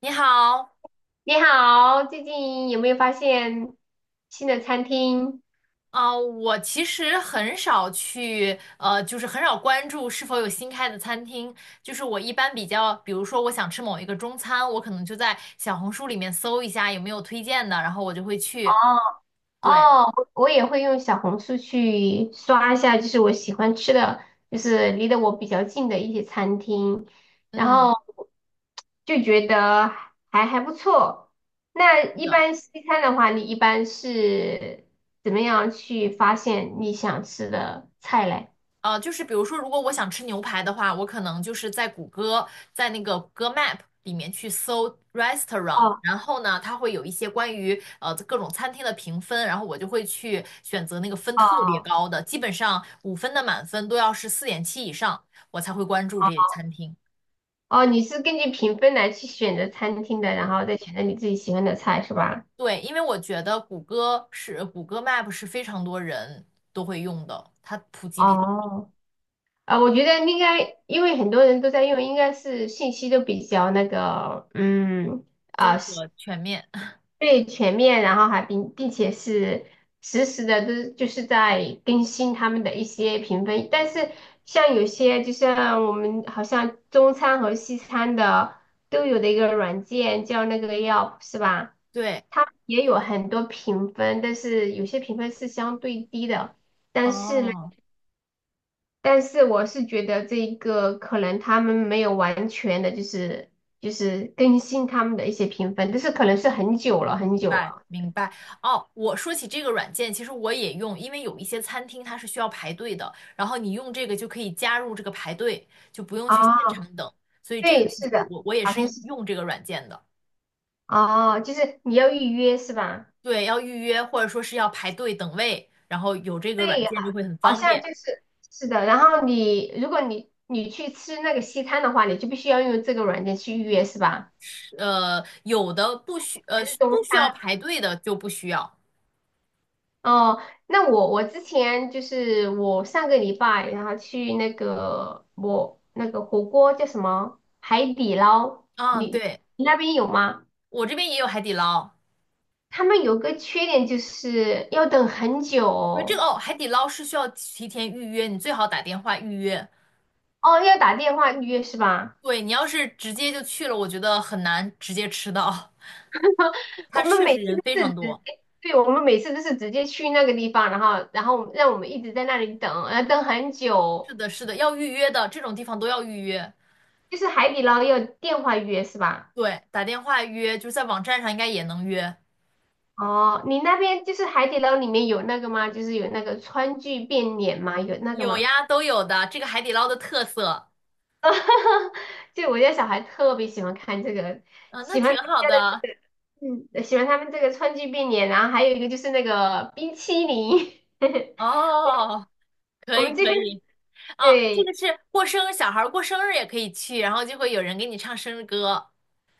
你好。你好，最近有没有发现新的餐厅？我其实很少去，就是很少关注是否有新开的餐厅。就是我一般比较，比如说我想吃某一个中餐，我可能就在小红书里面搜一下有没有推荐的，然后我就会去。对。哦，哦，我也会用小红书去刷一下，就是我喜欢吃的，就是离得我比较近的一些餐厅，然嗯，后就觉得还不错。那是一的。般西餐的话，你一般是怎么样去发现你想吃的菜嘞？就是比如说，如果我想吃牛排的话，我可能就是在谷歌，在那个谷歌 Map 里面去搜 restaurant，哦然后呢，它会有一些关于各种餐厅的评分，然后我就会去选择那个分特别哦高的，基本上五分的满分都要是四点七以上，我才会关注这些餐厅。哦，你是根据评分来去选择餐厅的，然对，后再选择你自己喜欢的菜是吧？对，因为我觉得谷歌是谷歌 Map 是非常多人都会用的，它普及比较哦，啊，我觉得应该，因为很多人都在用，应该是信息都比较那个，嗯，综合全面。最全面，然后还并且是实时的，都就是在更新他们的一些评分。但是像有些，就像我们好像中餐和西餐的都有的一个软件叫那个 Yelp 是吧？对。它也有很多评分，但是有些评分是相对低的。但是呢，哦。但是我是觉得这一个可能他们没有完全的，就是就是更新他们的一些评分，但是可能是很久了很明久白了。明白。哦，我说起这个软件，其实我也用，因为有一些餐厅它是需要排队的，然后你用这个就可以加入这个排队，就不用去现啊，场等。所以这个对，其是实的，我也好是像是用这个软件的。哦，就是你要预约是吧？对，要预约或者说是要排队等位，然后有这个软对，好件就会很好方像便。就是是的。然后你如果你去吃那个西餐的话，你就必须要用这个软件去预约是吧？有的还是中不需要餐？排队的就不需要哦，那我之前就是我上个礼拜，然后去那个我那个火锅叫什么海底捞，啊。你对，你那边有吗？我这边也有海底捞。他们有个缺点就是要等很久对，这个哦，哦，海底捞是需要提前预约，你最好打电话预约。哦要打电话预约是吧？对，你要是直接就去了，我觉得很难直接吃到。它我们确每实次人非都是常直多。接，对，我们每次都是直接去那个地方，然后然后让我们一直在那里等，要等很久哦，是的，是的，要预约的，这种地方都要预约。就是海底捞要电话预约是吧？对，打电话预约，就是在网站上应该也能约。哦，你那边就是海底捞里面有那个吗？就是有那个川剧变脸吗？有那个有吗？呀，都有的，这个海底捞的特色。就我家小孩特别喜欢看这个，嗯，那喜挺欢他们好家的的。这个，嗯，喜欢他们这个川剧变脸，然后还有一个就是那个冰淇淋。哦，可我以们这可边以。哦，这对个是过生日，小孩儿过生日也可以去，然后就会有人给你唱生日歌。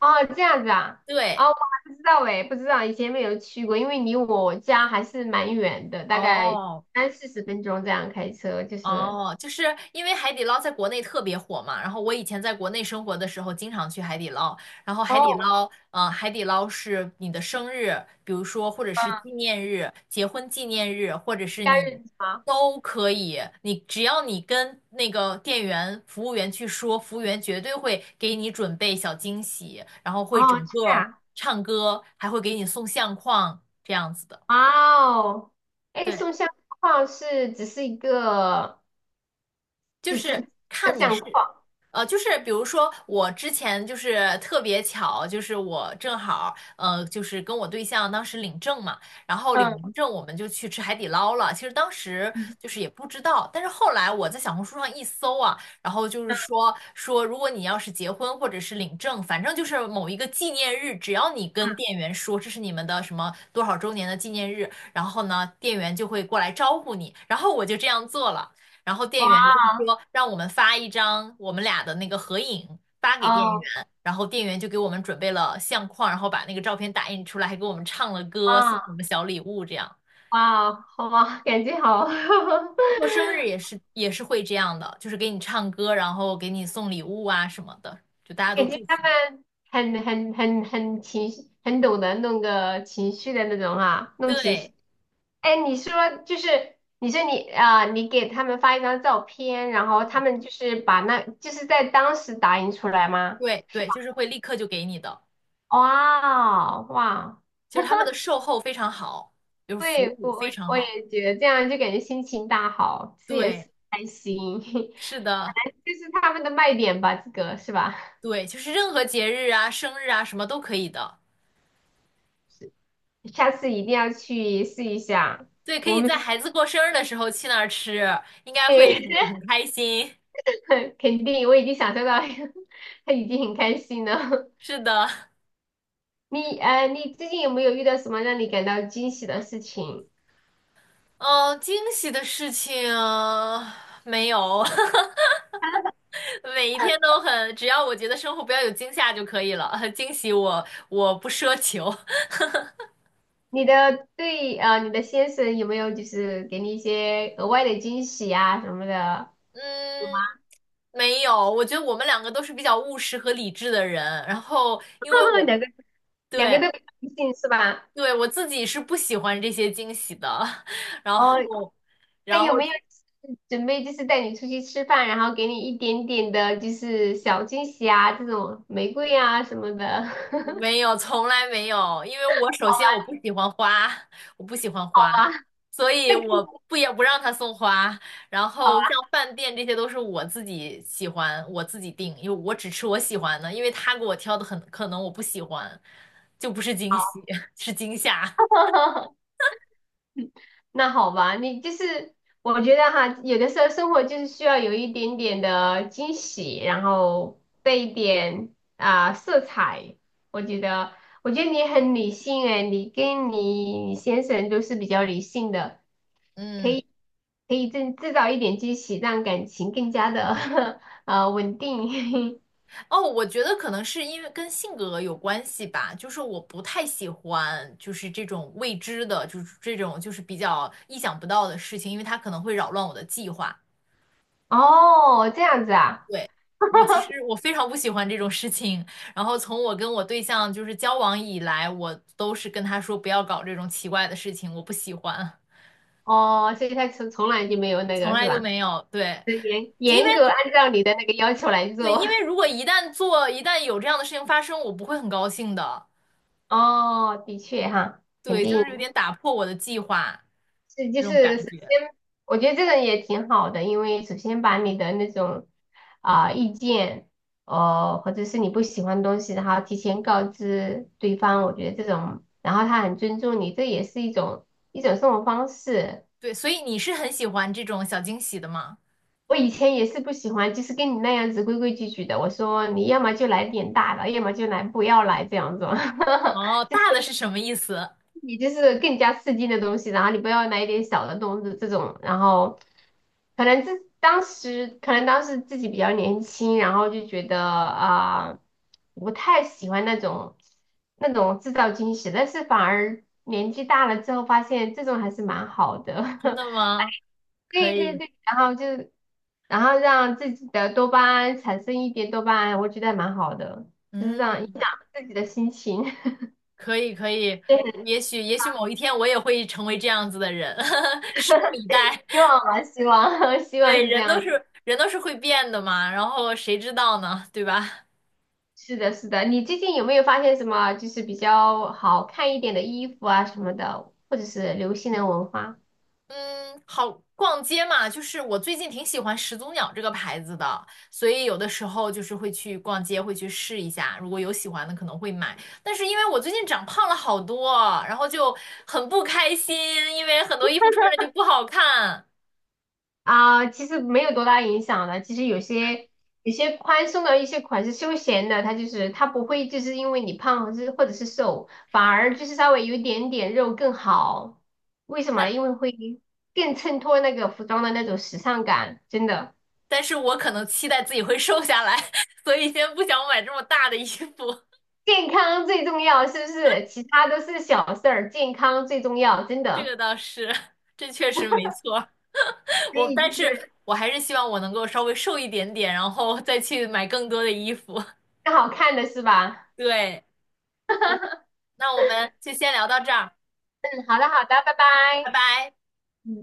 哦，这样子啊，对。哦，我还不知道哎，不知道以前没有去过，因为离我家还是蛮远的，大概哦。三四十分钟这样开车，就是哦，因为海底捞在国内特别火嘛，然后我以前在国内生活的时候，经常去海底捞，然后海底哦，捞，海底捞是你的生日，比如说或者是嗯，纪念日、结婚纪念日，或者是假你日是吗？都可以，你只要你跟那个店员、服务员去说，服务员绝对会给你准备小惊喜，然后会哦，整这个样。唱歌，还会给你送相框这样子的。哇哦，哎，对。送相框是只是一个，就只是是一个看你相是，框，就是比如说我之前就是特别巧，就是我正好就是跟我对象当时领证嘛，然后领嗯完证我们就去吃海底捞了。其实当时嗯就是也不知道，但是后来我在小红书上一搜啊，然后就是嗯，说如果你要是结婚或者是领证，反正就是某一个纪念日，只要你跟嗯。店员说这是你们的什么多少周年的纪念日，然后呢，店员就会过来招呼你，然后我就这样做了。然后店哇员就是说让我们发一张我们俩的那个合影发给店员，哦，然后店员就给我们准备了相框，然后把那个照片打印出来，还给我们唱了歌，送哇我们小礼物这样。哇哦，好吧，感觉好，过生日也是会这样的，就是给你唱歌，然后给你送礼物啊什么的，就大家都感觉祝他福。们很情绪，很懂得弄个情绪的那种啊，弄情对。绪。哎，你说就是你说你啊、你给他们发一张照片，然后他嗯，们就是把那就是在当时打印出来吗？对，对，就是会立刻就给你的，哇哦哇！就是他们的售后非常好，就是服对，务我我非常我也好。觉得这样就感觉心情大好，吃也对，是开心，是的。这是他们的卖点吧，这个是吧？对，就是任何节日啊、生日啊什么都可以的。是下次一定要去试一下。对，可我以们在孩子过生日的时候去那儿吃，应该会对，很开心。肯定我已经享受到，他已经很开心了。是的。你你最近有没有遇到什么让你感到惊喜的事情？嗯，惊喜的事情没有。每一天都很，只要我觉得生活不要有惊吓就可以了。惊喜我不奢求。你的对你的先生有没有就是给你一些额外的惊喜啊什么的？有吗？嗯，没有，我觉得我们两个都是比较务实和理智的人，然后因为我 两个对都比较尽兴是吧？对，我自己是不喜欢这些惊喜的。然哦，后。他然后有没有就是准备就是带你出去吃饭，然后给你一点点的就是小惊喜啊，这种玫瑰啊什么的？没有，从来没有，因为我首好先我不吧，喜欢花，我不喜欢好花，吧，所以那更我不也不让他送花。然好后像吧，饭店这些都是我自己喜欢，我自己订，因为我只吃我喜欢的，因为他给我挑的很可能我不喜欢，就不是惊喜，是惊吓。那好吧，你就是我觉得哈，有的时候生活就是需要有一点点的惊喜，然后带一点啊、色彩。我觉得，我觉得你很理性诶，你跟你先生都是比较理性的。可嗯。以可以制造一点惊喜，让感情更加的 稳定。哦，我觉得可能是因为跟性格有关系吧，就是我不太喜欢就是这种未知的，就是这种就是比较意想不到的事情，因为它可能会扰乱我的计划。哦，这样子啊，对，我其实我非常不喜欢这种事情。然后从我跟我对象就是交往以来，我都是跟他说不要搞这种奇怪的事情，我不喜欢，哦，所以他从来就没有那从个是来就吧？没有。对，就严因为严格按照你的那个要求来对，做。因为如果一旦做，一旦有这样的事情发生，我不会很高兴的。哦，的确哈，肯对，就定。是有点打破我的计划是就这种感是首觉。先，我觉得这个也挺好的，因为首先把你的那种啊、意见，或者是你不喜欢的东西，然后提前告知对方，我觉得这种，然后他很尊重你，这也是一种生活方式。对，所以你是很喜欢这种小惊喜的吗？我以前也是不喜欢，就是跟你那样子规规矩矩的，我说你要么就来点大的，要么就来不要来这样子。哦，大的是什么意思？你就是更加刺激的东西，然后你不要买一点小的东西这种，然后可能自当时可能当时自己比较年轻，然后就觉得啊、不太喜欢那种制造惊喜，但是反而年纪大了之后发现这种还是蛮好的，真 的吗？可对对以。对，然后就然后让自己的多巴胺产生一点多巴胺，我觉得还蛮好的，就是这样影响嗯。自己的心情，可以可以。对，也许某一天我也会成为这样子的人，拭目以待。希望吧，希望 希望对，是这样子。人都是会变的嘛，然后谁知道呢？对吧？是的，是的。你最近有没有发现什么就是比较好看一点的衣服啊什么的，或者是流行的文化嗯，好，逛街嘛，就是我最近挺喜欢始祖鸟这个牌子的，所以有的时候就是会去逛街，会去试一下，如果有喜欢的可能会买。但是因为我最近长胖了好多，然后就很不开心，因为很多衣服穿着就不好看。啊？其实没有多大影响的。其实有些宽松的一些款式休闲的，它就是它不会就是因为你胖或是或者是瘦，反而就是稍微有一点点肉更好。为什么？因 为会更衬托那个服装的那种时尚感，真的。但是我可能期待自己会瘦下来，所以先不想买这么大的衣服。健康最重要，是不是？其他都是小事儿，健康最重要，真 这的。个倒是，这确实没错。所我，以但就是是我还是希望我能够稍微瘦一点点，然后再去买更多的衣服。更好看的是吧？对，那我们就先聊到这儿，嗯，好的好的，拜拜拜。拜。嗯。